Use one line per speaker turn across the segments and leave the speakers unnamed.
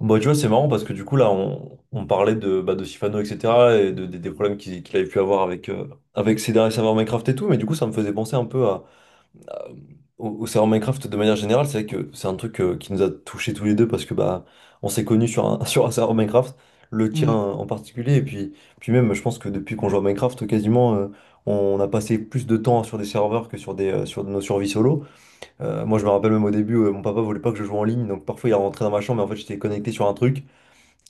Bah, tu vois, c'est marrant parce que du coup, là, on parlait de, bah, de Sifano, etc. et de, des problèmes qu'il avait pu avoir avec, avec ses derniers serveurs Minecraft et tout. Mais du coup, ça me faisait penser un peu à- au serveur Minecraft de manière générale. C'est vrai que c'est un truc qui nous a touchés tous les deux parce que bah, on s'est connus sur un, sur un serveur Minecraft, le tien
Mmh.
en particulier. Et puis, même, je pense que depuis qu'on joue à Minecraft, quasiment, on a passé plus de temps sur des serveurs que sur nos survies solo. Moi, je me rappelle même au début, mon papa voulait pas que je joue en ligne. Donc parfois, il rentrait dans ma chambre, mais en fait, j'étais connecté sur un truc.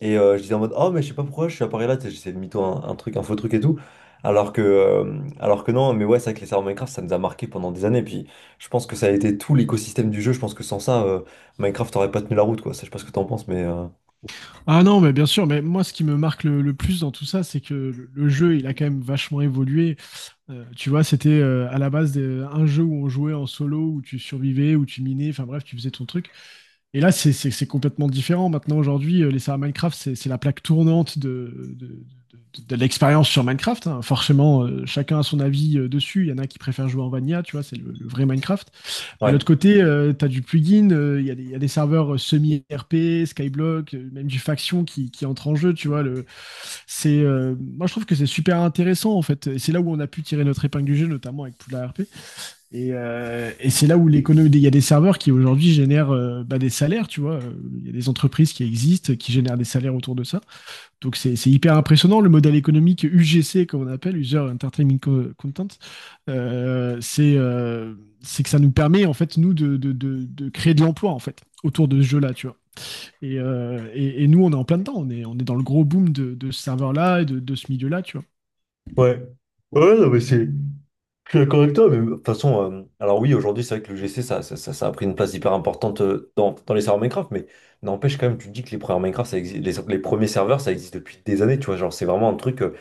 Et je disais en mode, oh, mais je sais pas pourquoi je suis à Paris là, tu sais, j'essayais de mytho un truc, un faux truc et tout. Alors que non, mais ouais, c'est vrai que les serveurs Minecraft, ça nous a marqué pendant des années. Puis je pense que ça a été tout l'écosystème du jeu. Je pense que sans ça, Minecraft aurait pas tenu la route, quoi. Ça, je sais pas ce que t'en penses, mais
Ah non, mais bien sûr, mais moi ce qui me marque le plus dans tout ça, c'est que le jeu, il a quand même vachement évolué. Tu vois, c'était à la base un jeu où on jouait en solo, où tu survivais, où tu minais, enfin bref, tu faisais ton truc. Et là, c'est complètement différent. Maintenant, aujourd'hui, les serveurs Minecraft, c'est la plaque tournante de l'expérience sur Minecraft, hein. Forcément, chacun a son avis dessus. Il y en a qui préfèrent jouer en Vanilla, tu vois, c'est le vrai Minecraft. Mais de
ouais.
l'autre côté, tu as du plugin, il y a des serveurs semi-RP, Skyblock, même du faction qui entre en jeu, tu vois. Moi, je trouve que c'est super intéressant, en fait. Et c'est là où on a pu tirer notre épingle du jeu, notamment avec Poudlard RP. Et c'est là où l'économie, il y a des serveurs qui aujourd'hui génèrent bah, des salaires, tu vois. Il y a des entreprises qui existent, qui génèrent des salaires autour de ça. Donc c'est hyper impressionnant. Le modèle économique UGC, comme on appelle, Content, euh, c'est euh, c'est que ça nous permet, en fait, nous, de créer de l'emploi, en fait, autour de ce jeu-là, tu vois. Et nous, on est en plein dedans. On est dans le gros boom de ce serveur-là et de ce milieu-là, tu vois.
Ouais, je suis d'accord avec toi, mais de toute façon, alors oui, aujourd'hui, c'est vrai que le GC, ça a pris une place hyper importante dans les serveurs Minecraft, mais n'empêche quand même, tu te dis que les premiers Minecraft, ça existe, les premiers serveurs, ça existe depuis des années, tu vois, genre, c'est vraiment un truc,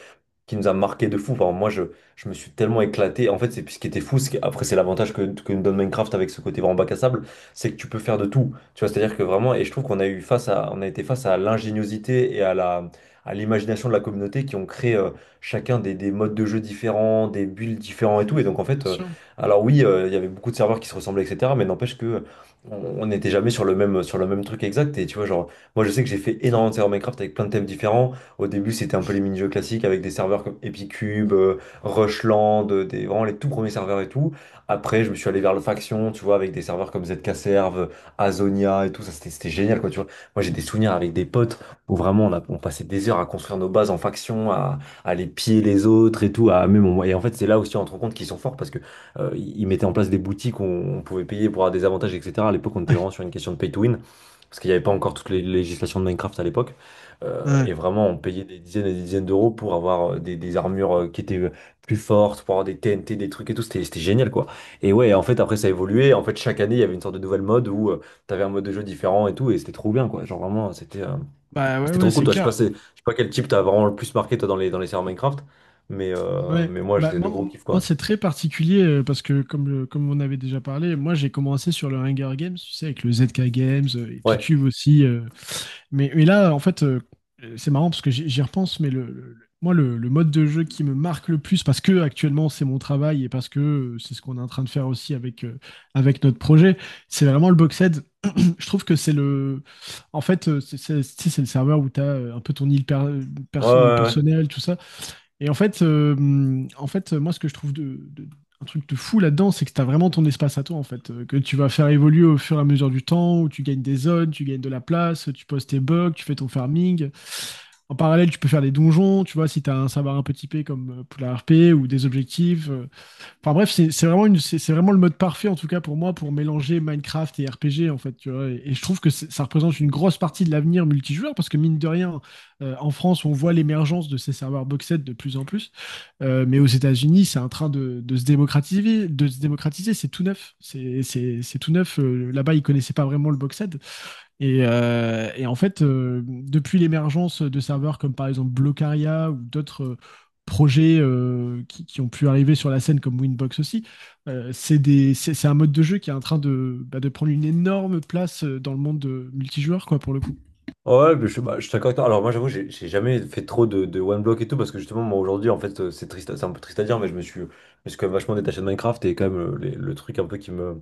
qui nous a marqué de fou. Enfin, moi, je me suis tellement éclaté. En fait, c'est ce qui était fou. Après, c'est l'avantage que nous donne Minecraft avec ce côté vraiment bac à sable, c'est que tu peux faire de tout. Tu vois, c'est-à-dire que vraiment, et je trouve qu'on a eu face à, on a été face à l'ingéniosité et à l'imagination de la communauté qui ont créé chacun des modes de jeu différents, des builds différents et tout. Et donc, en fait,
Bien sûr.
alors oui, il y avait beaucoup de serveurs qui se ressemblaient, etc. Mais n'empêche que on n'était jamais sur sur le même truc exact. Et tu vois, genre, moi, je sais que j'ai fait énormément de serveurs Minecraft avec plein de thèmes différents. Au début, c'était un peu les mini-jeux classiques avec des serveurs comme Epicube, Rushland, vraiment les tout premiers serveurs et tout. Après, je me suis allé vers le faction, tu vois, avec des serveurs comme ZK Serve, Azonia et tout. Ça, c'était génial, quoi, tu vois. Moi, j'ai des souvenirs avec des potes où vraiment on passait des heures à construire nos bases en faction, à les piller les autres et tout. Et en fait, c'est là aussi on se rend compte qu'ils sont forts parce que ils mettaient en place des boutiques où on pouvait payer pour avoir des avantages, etc. À l'époque, on était
Ouais.
vraiment sur une question de pay to win, parce qu'il n'y avait pas encore toutes les législations de Minecraft à l'époque. Euh, et
Ouais.
vraiment, on payait des dizaines et des dizaines d'euros pour avoir des armures qui étaient plus fortes, pour avoir des TNT, des trucs et tout. C'était génial, quoi. Et ouais, en fait, après, ça a évolué. En fait, chaque année, il y avait une sorte de nouvelle mode où t'avais un mode de jeu différent et tout. Et c'était trop bien, quoi. Genre, vraiment, c'était euh,
Bah ouais,
c'était
ouais,
trop cool.
c'est
Toi, je sais pas,
clair.
je sais pas quel type t'as vraiment le plus marqué, toi, dans les serveurs Minecraft. Mais, euh,
Ouais.
mais moi,
Bah,
j'étais de gros kiff,
moi,
quoi.
c'est très particulier parce que, comme, comme on avait déjà parlé, moi, j'ai commencé sur le Hunger Games, tu sais, avec le ZK Games, et
Ouais.
Picube aussi. Mais là, en fait, c'est marrant parce que j'y repense, mais le mode de jeu qui me marque le plus, parce que actuellement, c'est mon travail et parce que c'est ce qu'on est en train de faire aussi avec, avec notre projet, c'est vraiment le Boxed. Je trouve que c'est le. En fait, tu sais, c'est le serveur où tu as un peu ton
Ouais, ouais, ouais.
personnelle, tout ça. Et en fait, moi, ce que je trouve un truc de fou là-dedans, c'est que tu as vraiment ton espace à toi, en fait, que tu vas faire évoluer au fur et à mesure du temps, où tu gagnes des zones, tu gagnes de la place, tu poses tes bugs, tu fais ton farming. En parallèle, tu peux faire des donjons, tu vois, si tu as un savoir un peu typé comme pour la RP ou des objectifs. Enfin bref, c'est vraiment, c'est vraiment le mode parfait, en tout cas pour moi, pour mélanger Minecraft et RPG, en fait. Tu vois. Et je trouve que ça représente une grosse partie de l'avenir multijoueur, parce que mine de rien, en France, on voit l'émergence de ces serveurs boxed de plus en plus. Mais aux États-Unis, c'est en train de se démocratiser. De se démocratiser, c'est tout neuf. C'est tout neuf. Là-bas, ils connaissaient pas vraiment le boxed. Et en fait, depuis l'émergence de serveurs comme par exemple Blocaria ou d'autres projets qui ont pu arriver sur la scène comme Winbox aussi, c'est un mode de jeu qui est en train de, bah, de prendre une énorme place dans le monde de multijoueur, quoi, pour le coup.
Ouais, ouais, mais bah, je suis d'accord avec toi. Alors moi j'avoue, j'ai jamais fait trop de, one block et tout, parce que justement moi aujourd'hui en fait c'est triste, c'est un peu triste à dire, mais je me suis quand même vachement détaché de Minecraft et quand même le truc un peu qui me,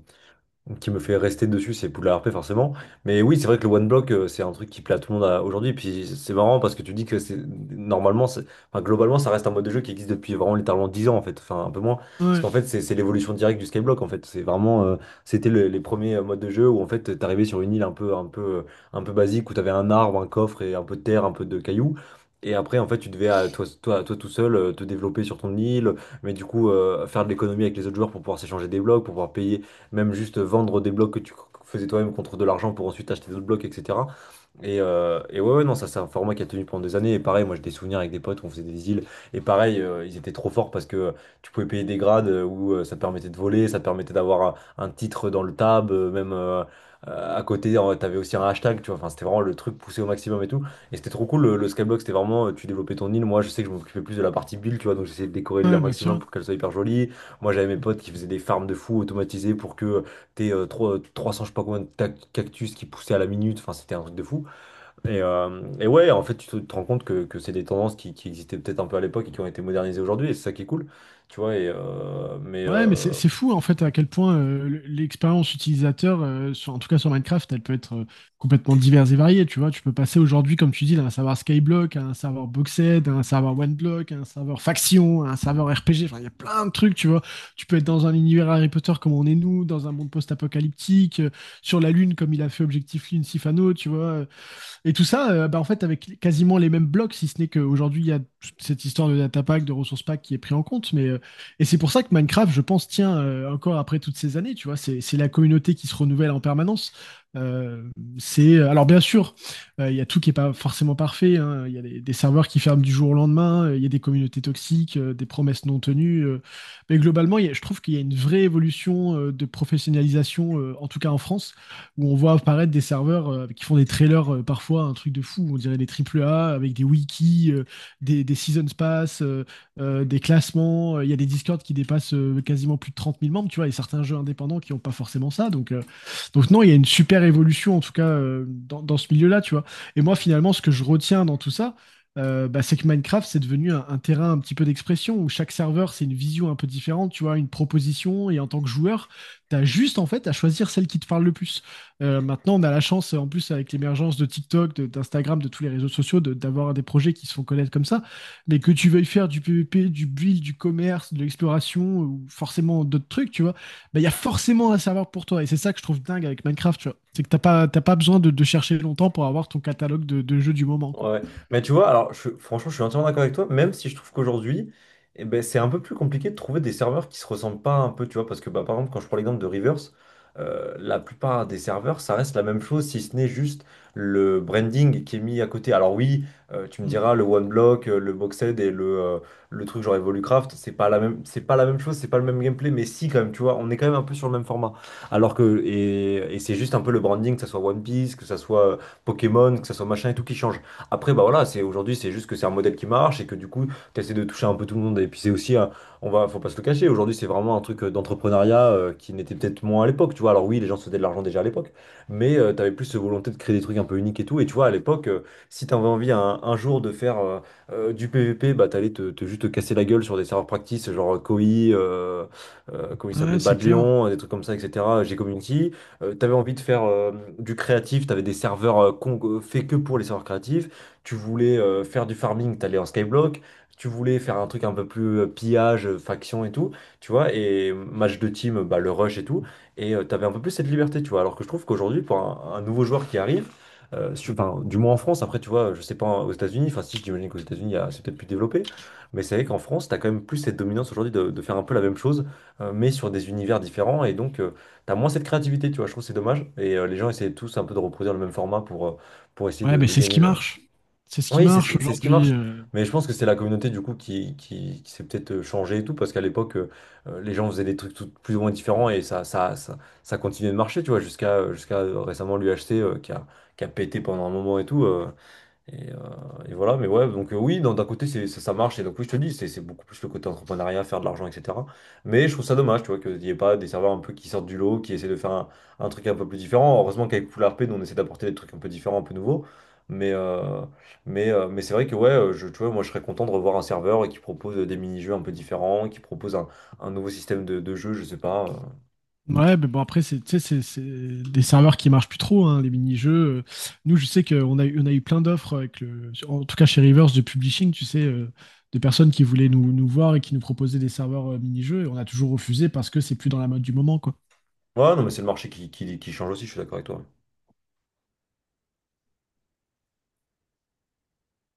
qui me fait rester dessus, c'est Poudlard RP forcément. Mais oui, c'est vrai que le one block, c'est un truc qui plaît à tout le monde aujourd'hui. Et puis c'est marrant parce que tu dis que c'est normalement, enfin, globalement, ça reste un mode de jeu qui existe depuis vraiment littéralement 10 ans en fait, enfin un peu moins. Parce
Ouais,
qu'en fait, c'est l'évolution directe du Skyblock en fait. C'est vraiment, les premiers modes de jeu où en fait, t'arrivais sur une île un peu basique où t'avais un arbre, un coffre et un peu de terre, un peu de cailloux. Et après, en fait, tu devais, toi tout seul, te développer sur ton île, mais du coup, faire de l'économie avec les autres joueurs pour pouvoir s'échanger des blocs, pour pouvoir payer même juste vendre des blocs que tu faisais toi-même contre de l'argent pour ensuite acheter d'autres blocs, etc. Et ouais, ouais, non, ça c'est un format qui a tenu pendant des années. Et pareil, moi j'ai des souvenirs avec des potes où on faisait des îles. Et pareil, ils étaient trop forts parce que tu pouvais payer des grades où ça te permettait de voler, ça te permettait d'avoir un titre dans le tab, même à côté, t'avais aussi un hashtag, tu vois. Enfin, c'était vraiment le truc poussé au maximum et tout. Et c'était trop cool, le skyblock, c'était vraiment, tu développais ton île. Moi, je sais que je m'occupais plus de la partie build, tu vois, donc j'essayais de décorer l'île un
ouais, bien
maximum
sûr.
pour qu'elle soit hyper jolie. Moi, j'avais mes potes qui faisaient des farms de fous automatisées pour que t'aies 300 je sais pas combien cactus qui poussaient à la minute. Enfin, c'était un truc de fou. Et ouais, en fait, tu te rends compte que c'est des tendances qui existaient peut-être un peu à l'époque et qui ont été modernisées aujourd'hui. Et c'est ça qui est cool, tu vois. Et, mais,
Ouais, mais c'est c'est fou en fait à quel point l'expérience utilisateur, en tout cas sur Minecraft, elle peut être complètement diverse et variée. Tu vois, tu peux passer aujourd'hui, comme tu dis, d'un serveur Skyblock à un serveur Boxed, à un serveur OneBlock, à un serveur Faction, à un serveur RPG. Enfin, il y a plein de trucs, tu vois. Tu peux être dans un univers Harry Potter comme on est nous, dans un monde post-apocalyptique, sur la Lune comme il a fait Objectif Lune Sifano, tu vois. Et tout ça, bah, en fait, avec quasiment les mêmes blocs, si ce n'est qu'aujourd'hui, il y a cette histoire de data pack, de ressources pack qui est pris en compte. Mais, et c'est pour ça que Minecraft, je pense, tient encore après toutes ces années, tu vois, c'est la communauté qui se renouvelle en permanence. Euh, c'est Alors bien sûr, il y a tout qui est pas forcément parfait, hein. Il y a des serveurs qui ferment du jour au lendemain. Il y a des communautés toxiques, des promesses non tenues. Mais globalement, je trouve qu'il y a une vraie évolution de professionnalisation, en tout cas en France, où on voit apparaître des serveurs qui font des trailers parfois un truc de fou, on dirait des triple A avec des wikis, des seasons pass, des classements. Il y a des Discord qui dépassent quasiment plus de 30 000 membres, tu vois, et certains jeux indépendants qui n'ont pas forcément ça. Donc non, il y a une super évolution en tout cas dans ce milieu-là, tu vois. Et moi, finalement, ce que je retiens dans tout ça, bah, c'est que Minecraft, c'est devenu un terrain un petit peu d'expression où chaque serveur, c'est une vision un peu différente, tu vois, une proposition. Et en tant que joueur, t'as juste en fait à choisir celle qui te parle le plus. Maintenant, on a la chance, en plus, avec l'émergence de TikTok, d'Instagram, de tous les réseaux sociaux, d'avoir des projets qui se font connaître comme ça. Mais que tu veuilles faire du PVP, du build, du commerce, de l'exploration, ou forcément d'autres trucs, tu vois, bah, il y a forcément un serveur pour toi. Et c'est ça que je trouve dingue avec Minecraft, tu vois. C'est que t'as pas besoin de chercher longtemps pour avoir ton catalogue de jeux du moment,
ouais.
quoi.
Ouais. Mais tu vois, alors franchement, je suis entièrement d'accord avec toi, même si je trouve qu'aujourd'hui, eh ben, c'est un peu plus compliqué de trouver des serveurs qui se ressemblent pas un peu, tu vois, parce que bah, par exemple, quand je prends l'exemple de Reverse, la plupart des serveurs, ça reste la même chose, si ce n'est juste le branding qui est mis à côté. Alors oui, tu me
Mm.
diras, le OneBlock, le Boxed et le truc genre Evolucraft, c'est pas la même chose, c'est pas le même gameplay, mais si quand même, tu vois, on est quand même un peu sur le même format. Alors que, et c'est juste un peu le branding, que ça soit One Piece, que ça soit Pokémon, que ça soit machin et tout qui change. Après, bah voilà, c'est aujourd'hui, c'est juste que c'est un modèle qui marche et que du coup, tu essaies de toucher un peu tout le monde. Et puis c'est aussi, faut pas se le cacher, aujourd'hui, c'est vraiment un truc d'entrepreneuriat qui n'était peut-être moins à l'époque, tu vois. Alors oui, les gens se faisaient de l'argent déjà à l'époque, mais tu avais plus cette volonté de créer des trucs un peu uniques et tout. Et tu vois, à l'époque, si tu avais envie un jour de faire du PVP, bah t'allais te juste te casser la gueule sur des serveurs practice, genre Koi, euh, comment il s'appelait,
Ouais, c'est
Bad
clair.
Lion, des trucs comme ça, etc. G-Community. T'avais envie de faire du créatif, t'avais des serveurs faits que pour les serveurs créatifs. Tu voulais faire du farming, t'allais en skyblock. Tu voulais faire un truc un peu plus pillage, faction et tout, tu vois, et match de team, bah, le rush et tout. Et tu t'avais un peu plus cette liberté, tu vois. Alors que je trouve qu'aujourd'hui, pour un nouveau joueur qui arrive, enfin, du moins en France, après, tu vois, je sais pas aux États-Unis, enfin, si j'imagine qu'aux États-Unis, c'est peut-être plus développé, mais c'est vrai qu'en France, t'as quand même plus cette dominance aujourd'hui de faire un peu la même chose, mais sur des univers différents, et donc, t'as moins cette créativité, tu vois, je trouve que c'est dommage, et les gens essaient tous un peu de reproduire le même format pour essayer
Ouais,
de,
mais
de
c'est ce
gagner
qui
le,
marche. C'est ce qui
oui, c'est ce
marche
qui, c'est ce qui
aujourd'hui.
marche. Mais je pense que c'est la communauté du coup qui s'est peut-être changée et tout, parce qu'à l'époque, les gens faisaient des trucs plus ou moins différents et ça continuait de marcher, tu vois, jusqu'à jusqu'à récemment l'UHC qui a pété pendant un moment et tout. Et, euh, et voilà, mais ouais, donc oui, d'un côté, ça marche, et donc oui, je te dis, c'est beaucoup plus le côté entrepreneuriat, faire de l'argent, etc. Mais je trouve ça dommage, tu vois, qu'il n'y ait pas des serveurs un peu qui sortent du lot, qui essaient de faire un truc un peu plus différent. Heureusement qu'avec Poulard P, nous, on essaie d'apporter des trucs un peu différents, un peu nouveaux. Mais, euh, mais c'est vrai que, ouais, tu vois, moi, je serais content de revoir un serveur qui propose des mini-jeux un peu différents, qui propose un nouveau système de jeu, je sais pas.
Ouais, mais bon, après, c'est, tu sais, c'est des serveurs qui marchent plus trop, hein, les mini-jeux. Euh, Nous, je sais qu'on on a eu plein d'offres avec le, en tout cas chez Rivers de publishing, tu sais, de personnes qui voulaient nous voir et qui nous proposaient des serveurs mini-jeux, et on a toujours refusé parce que c'est plus dans la mode du moment, quoi.
Ouais, non, mais c'est le marché qui change aussi, je suis d'accord avec toi.